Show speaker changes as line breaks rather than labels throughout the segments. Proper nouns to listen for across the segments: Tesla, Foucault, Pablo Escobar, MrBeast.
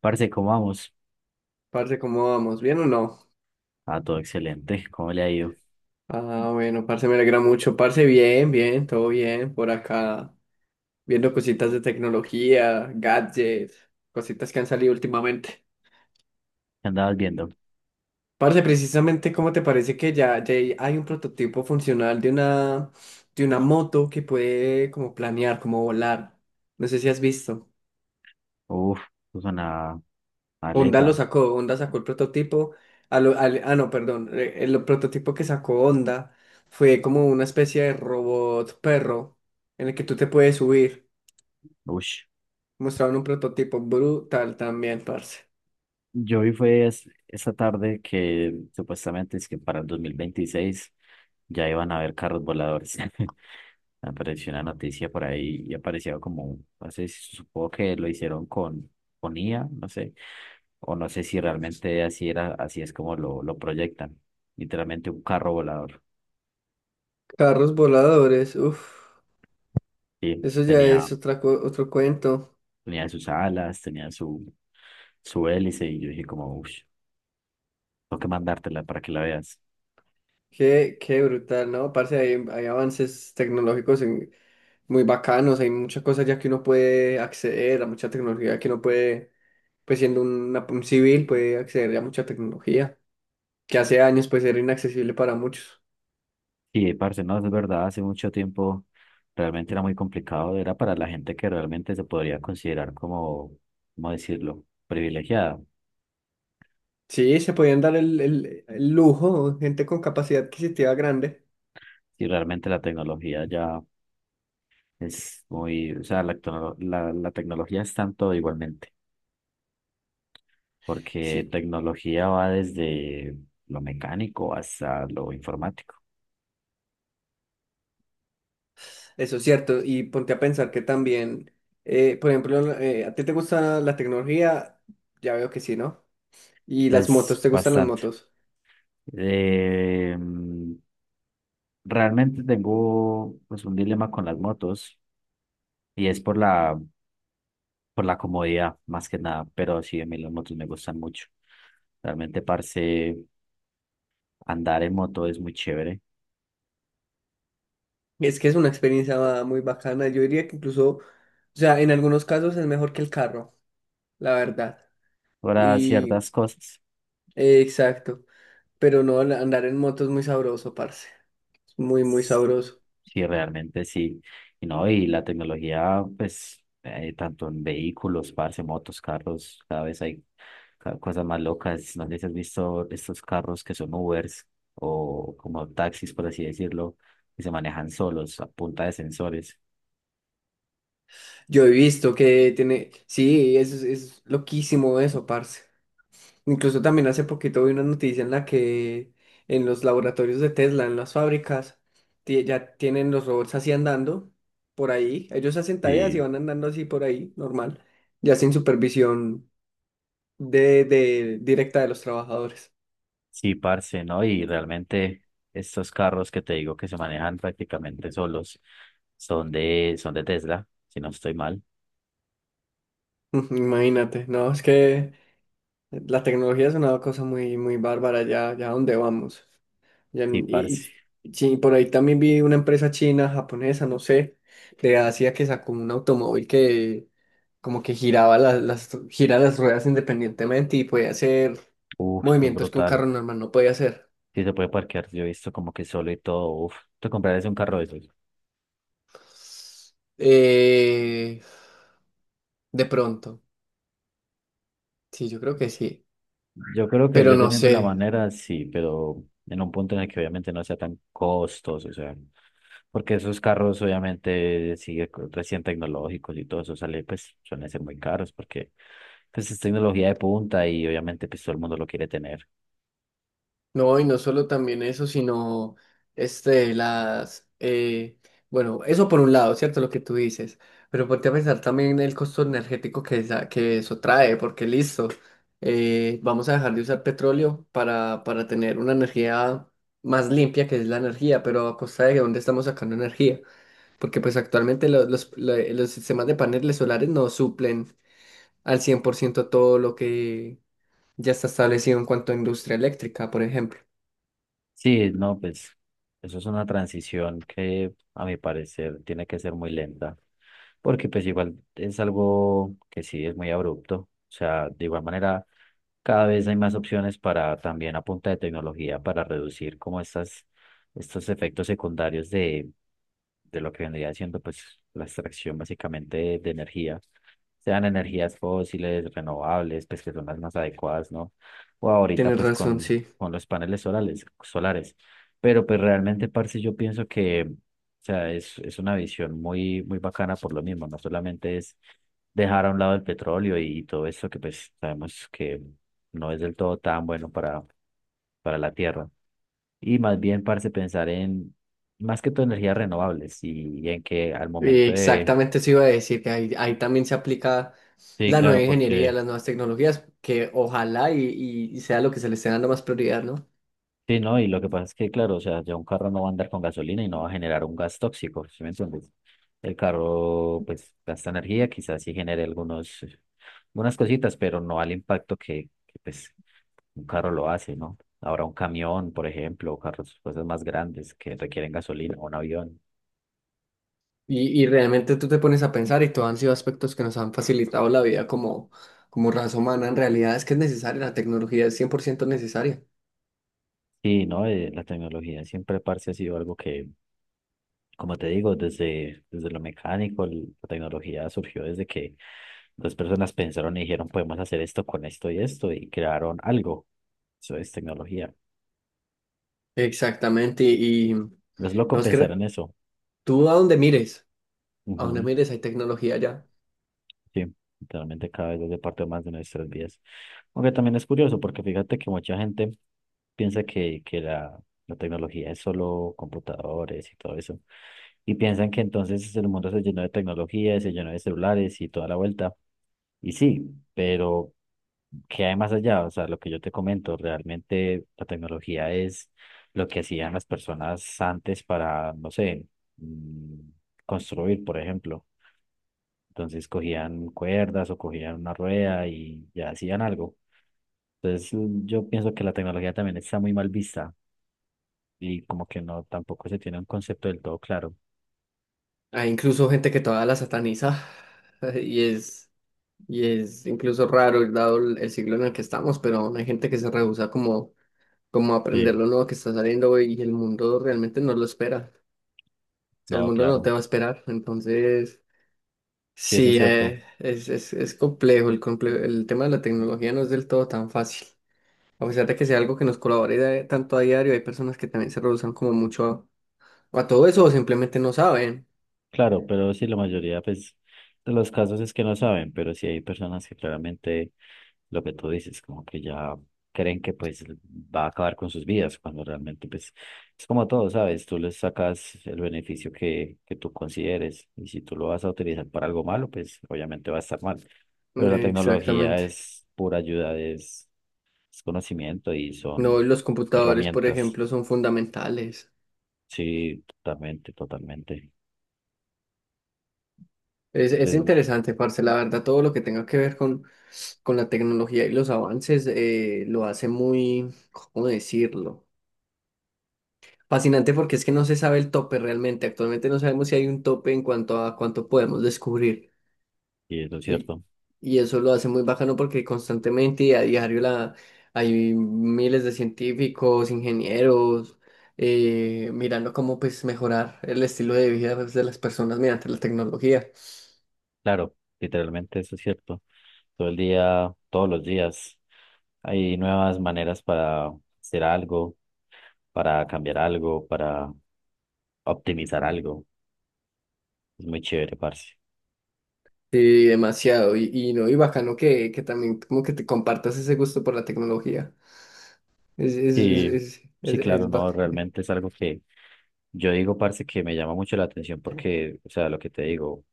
Parce, ¿cómo vamos?
Parce, ¿cómo vamos? ¿Bien o no?
Ah, todo excelente. ¿Cómo le ha ido?
Ah, bueno, parce, me alegra mucho. Parce, bien, bien, todo bien. Por acá, viendo cositas de tecnología, gadgets, cositas que han salido últimamente.
¿Qué andabas viendo?
Parce, precisamente, ¿cómo te parece que ya hay un prototipo funcional de una moto que puede como planear, como volar? No sé si has visto.
Uf, puso una
Honda lo
aleta.
sacó, Honda sacó el prototipo. Ah, no, perdón, prototipo que sacó Honda fue como una especie de robot perro en el que tú te puedes subir.
Ush.
Mostraron un prototipo brutal también, parce.
Yo vi fue esta tarde que supuestamente es que para el 2026 ya iban a haber carros voladores. Apareció una noticia por ahí y aparecía como, no sé si supongo que lo hicieron con IA, no sé, o no sé si realmente así era, así es como lo proyectan. Literalmente un carro volador.
Carros voladores, uff,
Sí,
eso ya
tenía.
es otro cuento.
Tenía sus alas, tenía su hélice y yo dije como, uff, tengo que mandártela para que la veas.
Qué brutal, ¿no? Parce, hay avances tecnológicos muy bacanos, hay muchas cosas ya que uno puede acceder a mucha tecnología que uno puede, pues siendo un civil, puede acceder a mucha tecnología que hace años pues era inaccesible para muchos.
Sí, parce, no, es verdad, hace mucho tiempo realmente era muy complicado, era para la gente que realmente se podría considerar como, ¿cómo decirlo?, privilegiada.
Sí, se podían dar el lujo, gente con capacidad adquisitiva grande.
Y realmente la tecnología ya es muy, o sea, la tecnología es tanto igualmente, porque
Sí,
tecnología va desde lo mecánico hasta lo informático.
eso es cierto. Y ponte a pensar que también, por ejemplo, ¿a ti te gusta la tecnología? Ya veo que sí, ¿no? ¿Y las motos?
Pues
¿Te gustan las
bastante.
motos?
Eh, Realmente tengo pues un dilema con las motos y es por por la comodidad más que nada, pero sí, a mí las motos me gustan mucho. Realmente, parce, andar en moto es muy chévere
Es que es una experiencia muy bacana. Yo diría que incluso, o sea, en algunos casos es mejor que el carro, la verdad.
para
Y
ciertas cosas.
exacto. Pero no, andar en moto es muy sabroso, parce. Es muy, muy sabroso.
Sí, realmente sí. Y no, y la tecnología, pues, tanto en vehículos, parce, motos, carros, cada vez hay cosas más locas. No sé si has visto estos carros que son Ubers o como taxis, por así decirlo, que se manejan solos a punta de sensores.
Yo he visto que tiene, sí, es loquísimo eso, parce. Incluso también hace poquito vi una noticia en la que en los laboratorios de Tesla, en las fábricas, ya tienen los robots así andando por ahí. Ellos hacen tareas y
Sí,
van andando así por ahí, normal, ya sin supervisión directa de los trabajadores.
sí, parce, ¿no? Y realmente estos carros que te digo que se manejan prácticamente solos son de Tesla, si no estoy mal.
Imagínate, no, es que la tecnología es una cosa muy, muy bárbara ya a dónde vamos. Ya
Sí,
n- Y,
parce.
y sí, por ahí también vi una empresa china, japonesa, no sé, de Asia, que sacó un automóvil que como que gira las ruedas independientemente y podía hacer
Uf, es
movimientos que un
brutal.
carro normal no podía hacer.
Sí, se puede parquear, yo he visto como que solo y todo, uf, te comprarías un carro de esos.
Eh, de pronto, sí, yo creo que sí,
Yo creo que
pero
yo
no
teniendo la
sé.
manera, sí, pero en un punto en el que obviamente no sea tan costoso, o sea, porque esos carros obviamente sigue recién tecnológicos y todo eso sale, pues suelen ser muy caros porque pues es tecnología de punta y obviamente pues todo el mundo lo quiere tener.
No, y no solo también eso, sino este, bueno, eso por un lado, ¿cierto? Lo que tú dices, pero ponte a pensar también el costo energético que eso trae, porque listo, vamos a dejar de usar petróleo para tener una energía más limpia, que es la energía, pero a costa de dónde estamos sacando energía, porque pues actualmente los sistemas de paneles solares no suplen al 100% todo lo que ya está establecido en cuanto a industria eléctrica, por ejemplo.
Sí, no, pues eso es una transición que a mi parecer tiene que ser muy lenta, porque pues igual es algo que sí es muy abrupto, o sea, de igual manera cada vez hay más opciones para también a punta de tecnología para reducir como estas, estos efectos secundarios de lo que vendría siendo pues la extracción básicamente de energía, sean energías fósiles, renovables, pues que son las más adecuadas, ¿no? O ahorita
Tienes
pues
razón, sí.
con los paneles solares, solares. Pero pues realmente, parce, yo pienso que, o sea, es una visión muy, muy bacana por lo mismo, no solamente es dejar a un lado el petróleo y todo eso que pues sabemos que no es del todo tan bueno para la tierra. Y más bien, parce, pensar en más que todo energías renovables y en que al
Y
momento de...
exactamente eso iba a decir, que ahí también se aplica
Sí,
la
claro,
nueva ingeniería,
porque.
las nuevas tecnologías, que ojalá y sea lo que se le esté dando más prioridad, ¿no?
Sí, no, y lo que pasa es que, claro, o sea, ya un carro no va a andar con gasolina y no va a generar un gas tóxico, ¿sí me entiendes? El carro, pues, gasta energía, quizás sí genere algunos, algunas cositas, pero no al impacto que, pues, un carro lo hace, ¿no? Ahora un camión, por ejemplo, o carros, cosas más grandes que requieren gasolina, o un avión.
Y realmente tú te pones a pensar y todos han sido aspectos que nos han facilitado la vida como raza humana. En realidad es que es necesaria, la tecnología es cien por ciento necesaria.
Sí, ¿no? La tecnología siempre, parce, ha sido algo que. Como te digo, desde, desde lo mecánico, la tecnología surgió desde que dos personas pensaron y dijeron, podemos hacer esto con esto y esto, y crearon algo. Eso es tecnología.
Exactamente, y no
Es loco
es que
pensar en eso.
tú, a donde
Ujú.
mires hay tecnología ya.
Sí, literalmente cada vez hace parte más de nuestras vidas. Aunque también es curioso, porque fíjate que mucha gente piensa que, la tecnología es solo computadores y todo eso. Y piensan que entonces el mundo se llenó de tecnología, se llenó de celulares y toda la vuelta. Y sí, pero que hay más allá? O sea, lo que yo te comento, realmente la tecnología es lo que hacían las personas antes para, no sé, mm, construir, por ejemplo. Entonces cogían cuerdas o cogían una rueda y ya hacían algo. Entonces yo pienso que la tecnología también está muy mal vista y como que no, tampoco se tiene un concepto del todo claro.
Hay incluso gente que todavía la sataniza y es. Y es incluso raro, dado el siglo en el que estamos, pero aún hay gente que se rehúsa como a aprender
Sí.
lo nuevo que está saliendo y el mundo realmente no lo espera. O sea, el
No,
mundo no
claro.
te va a esperar. Entonces,
Sí, eso es
sí,
cierto.
es complejo. El tema de la tecnología no es del todo tan fácil. A pesar de que sea algo que nos colabore tanto a diario, hay personas que también se rehúsan como mucho a todo eso, o simplemente no saben.
Claro, pero sí, la mayoría, pues, de los casos es que no saben, pero sí hay personas que claramente lo que tú dices, como que ya creen que pues va a acabar con sus vidas, cuando realmente pues es como todo, ¿sabes? Tú les sacas el beneficio que tú consideres y si tú lo vas a utilizar para algo malo, pues obviamente va a estar mal. Pero la tecnología
Exactamente.
es pura ayuda, es conocimiento y
No,
son
los computadores, por
herramientas.
ejemplo, son fundamentales.
Sí, totalmente, totalmente.
Es
De-
interesante, parce, la verdad, todo lo que tenga que ver con la tecnología y los avances, lo hace muy, ¿cómo decirlo? Fascinante, porque es que no se sabe el tope realmente. Actualmente no sabemos si hay un tope en cuanto a cuánto podemos descubrir.
y eso es
Y,
cierto.
y eso lo hace muy bacano, porque constantemente y a diario hay miles de científicos, ingenieros, mirando cómo pues mejorar el estilo de vida, pues, de las personas mediante la tecnología.
Claro, literalmente eso es cierto. Todo el día, todos los días, hay nuevas maneras para hacer algo, para cambiar algo, para optimizar algo. Es muy chévere, parce.
Sí, demasiado. Y no, y bacano que, también como que te compartas ese gusto por la tecnología. Es, es, es,
Sí,
es,
sí,
es,
claro,
es bac-
no, realmente es algo que yo digo, parce, que me llama mucho la atención porque, o sea, lo que te digo,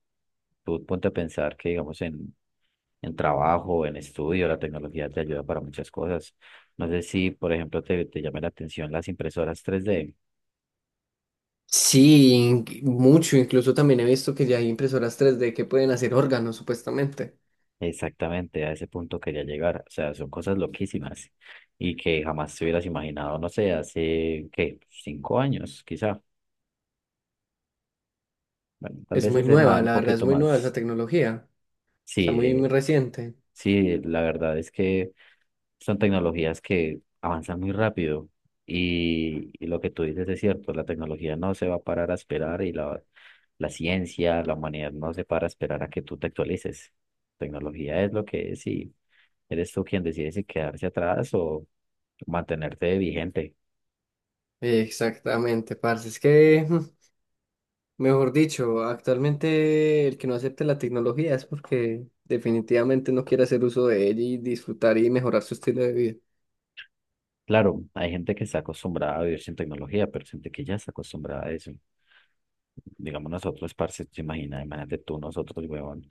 tú ponte a pensar que, digamos, en trabajo, en estudio, la tecnología te ayuda para muchas cosas. No sé si, por ejemplo, te llama la atención las impresoras 3D.
Sí, mucho. Incluso también he visto que ya hay impresoras 3D que pueden hacer órganos, supuestamente.
Exactamente, a ese punto quería llegar. O sea, son cosas loquísimas y que jamás te hubieras imaginado, no sé, hace, ¿qué? 5 años, quizá. Bueno, tal
Es
vez
muy
hace más,
nueva,
un
la verdad es
poquito
muy nueva esa
más.
tecnología.
Sí,
Está muy, muy reciente.
sí, la verdad es que son tecnologías que avanzan muy rápido y lo que tú dices es cierto, la tecnología no se va a parar a esperar y la ciencia, la humanidad no se para a esperar a que tú te actualices. Tecnología es lo que es y eres tú quien decide si quedarse atrás o mantenerte vigente.
Exactamente, parce. Es que, mejor dicho, actualmente el que no acepte la tecnología es porque definitivamente no quiere hacer uso de ella y disfrutar y mejorar su estilo de vida.
Claro, hay gente que está acostumbrada a vivir sin tecnología, pero gente que ya está acostumbrada a eso. Digamos nosotros, parce, te imaginas, imagínate tú, nosotros, huevón,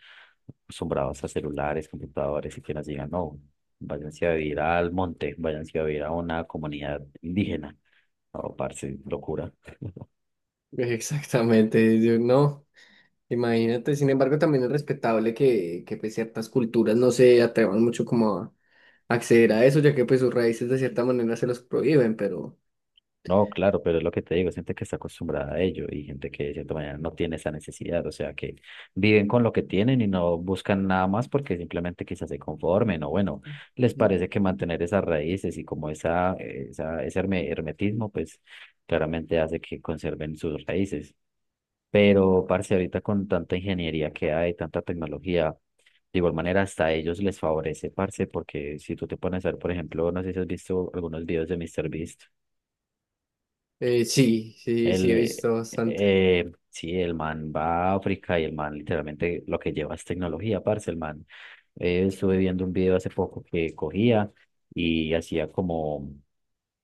acostumbrados a celulares, computadores, y que nos digan, no, váyanse a vivir al monte, váyanse a vivir a una comunidad indígena. No, parce, locura.
Exactamente, yo no, imagínate. Sin embargo, también es respetable que, pues, ciertas culturas no se atrevan mucho como a acceder a eso, ya que pues sus raíces de cierta manera se los prohíben, pero
No, claro, pero es lo que te digo, gente que está acostumbrada a ello y gente que de cierta manera no tiene esa necesidad, o sea, que viven con lo que tienen y no buscan nada más porque simplemente quizás se conformen o bueno, les
sí,
parece que mantener esas raíces y como ese hermetismo, pues claramente hace que conserven sus raíces. Pero, parce, ahorita con tanta ingeniería que hay, tanta tecnología, de igual manera hasta a ellos les favorece, parce, porque si tú te pones a ver, por ejemplo, no sé si has visto algunos videos de MrBeast.
sí, sí, sí he visto bastante,
Sí, el man va a África y el man literalmente lo que lleva es tecnología, parce, el man. Estuve viendo un video hace poco que cogía y hacía como,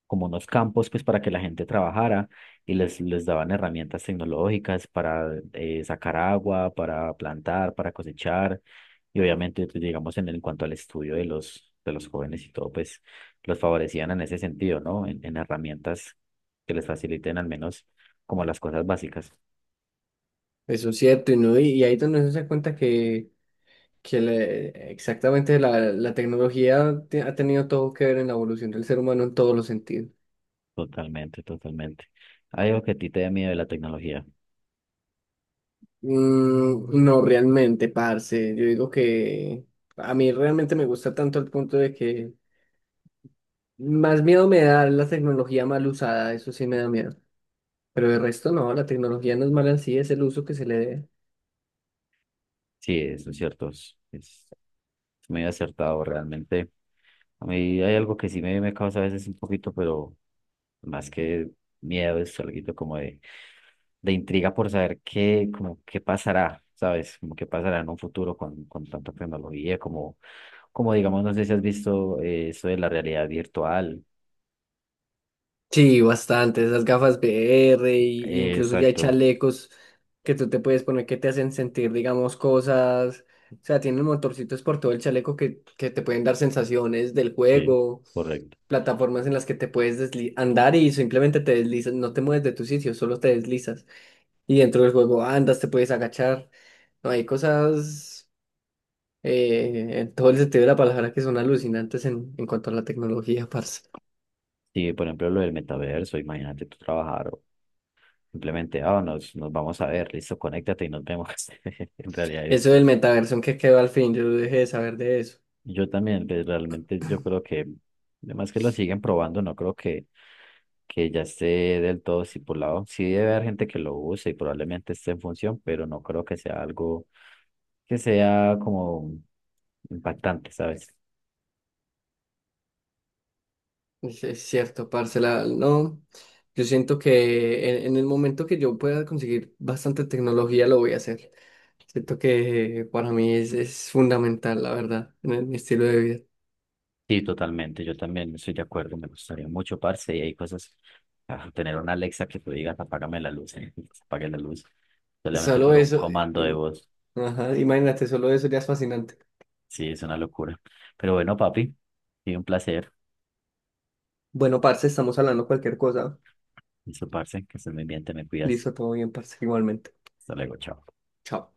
como unos campos pues para que la gente trabajara y les daban herramientas tecnológicas para sacar agua, para plantar, para cosechar y obviamente, pues, digamos, en cuanto al estudio de de los jóvenes y todo, pues los favorecían en ese sentido, ¿no? En herramientas que les faciliten al menos como las cosas básicas.
eso es cierto, y, no, y ahí es donde uno se da cuenta que, exactamente la tecnología ha tenido todo que ver en la evolución del ser humano en todos los sentidos.
Totalmente, totalmente. ¿Hay algo que a ti te da miedo de la tecnología?
Mm, no, realmente, parce. Yo digo que a mí realmente me gusta tanto, el punto de que más miedo me da la tecnología mal usada, eso sí me da miedo. Pero de resto no, la tecnología no es mala en sí, es el uso que se le dé.
Sí, eso es cierto. Es muy acertado realmente. A mí hay algo que sí me causa a veces un poquito, pero más que miedo, es algo como de intriga por saber qué, como qué pasará, ¿sabes? Como qué pasará en un futuro con tanta tecnología, como, como digamos, no sé si has visto eso de la realidad virtual.
Sí, bastante. Esas gafas VR, y incluso ya hay
Exacto,
chalecos que tú te puedes poner que te hacen sentir, digamos, cosas. O sea, tienen motorcitos por todo el chaleco que, te pueden dar sensaciones del
sí,
juego.
correcto.
Plataformas en las que te puedes andar y simplemente te deslizas, no te mueves de tu sitio, solo te deslizas. Y dentro del juego andas, te puedes agachar. No, hay cosas, en todo el sentido de la palabra, que son alucinantes en cuanto a la tecnología, parce.
Sí, por ejemplo, lo del metaverso, imagínate tú trabajar o simplemente, ah, nos vamos a ver, listo, conéctate y nos vemos en realidad
Eso del
virtual.
metaverso, que quedó al fin? Yo dejé de saber de eso.
Yo también, pues, realmente yo creo que, además que lo siguen probando, no creo que ya esté del todo estipulado. Sí debe haber gente que lo use y probablemente esté en función, pero no creo que sea algo que sea como impactante, ¿sabes?
Es cierto, parce, no. Yo siento que en el momento que yo pueda conseguir bastante tecnología, lo voy a hacer. Siento que para mí es fundamental, la verdad, mi estilo de vida.
Sí, totalmente, yo también estoy de acuerdo, me gustaría mucho, parce, y hay cosas, ah, tener una Alexa que tú digas, apágame la luz, apague la luz, solamente
Solo
por un
eso,
comando de
im-
voz,
ajá, imagínate, solo eso ya es fascinante.
sí, es una locura. Pero bueno, papi, sí, un placer.
Bueno, parce, estamos hablando cualquier cosa.
Listo, parce, que estés muy bien, te me cuidas.
Listo, todo bien, parce, igualmente.
Hasta luego, chao.
Chao.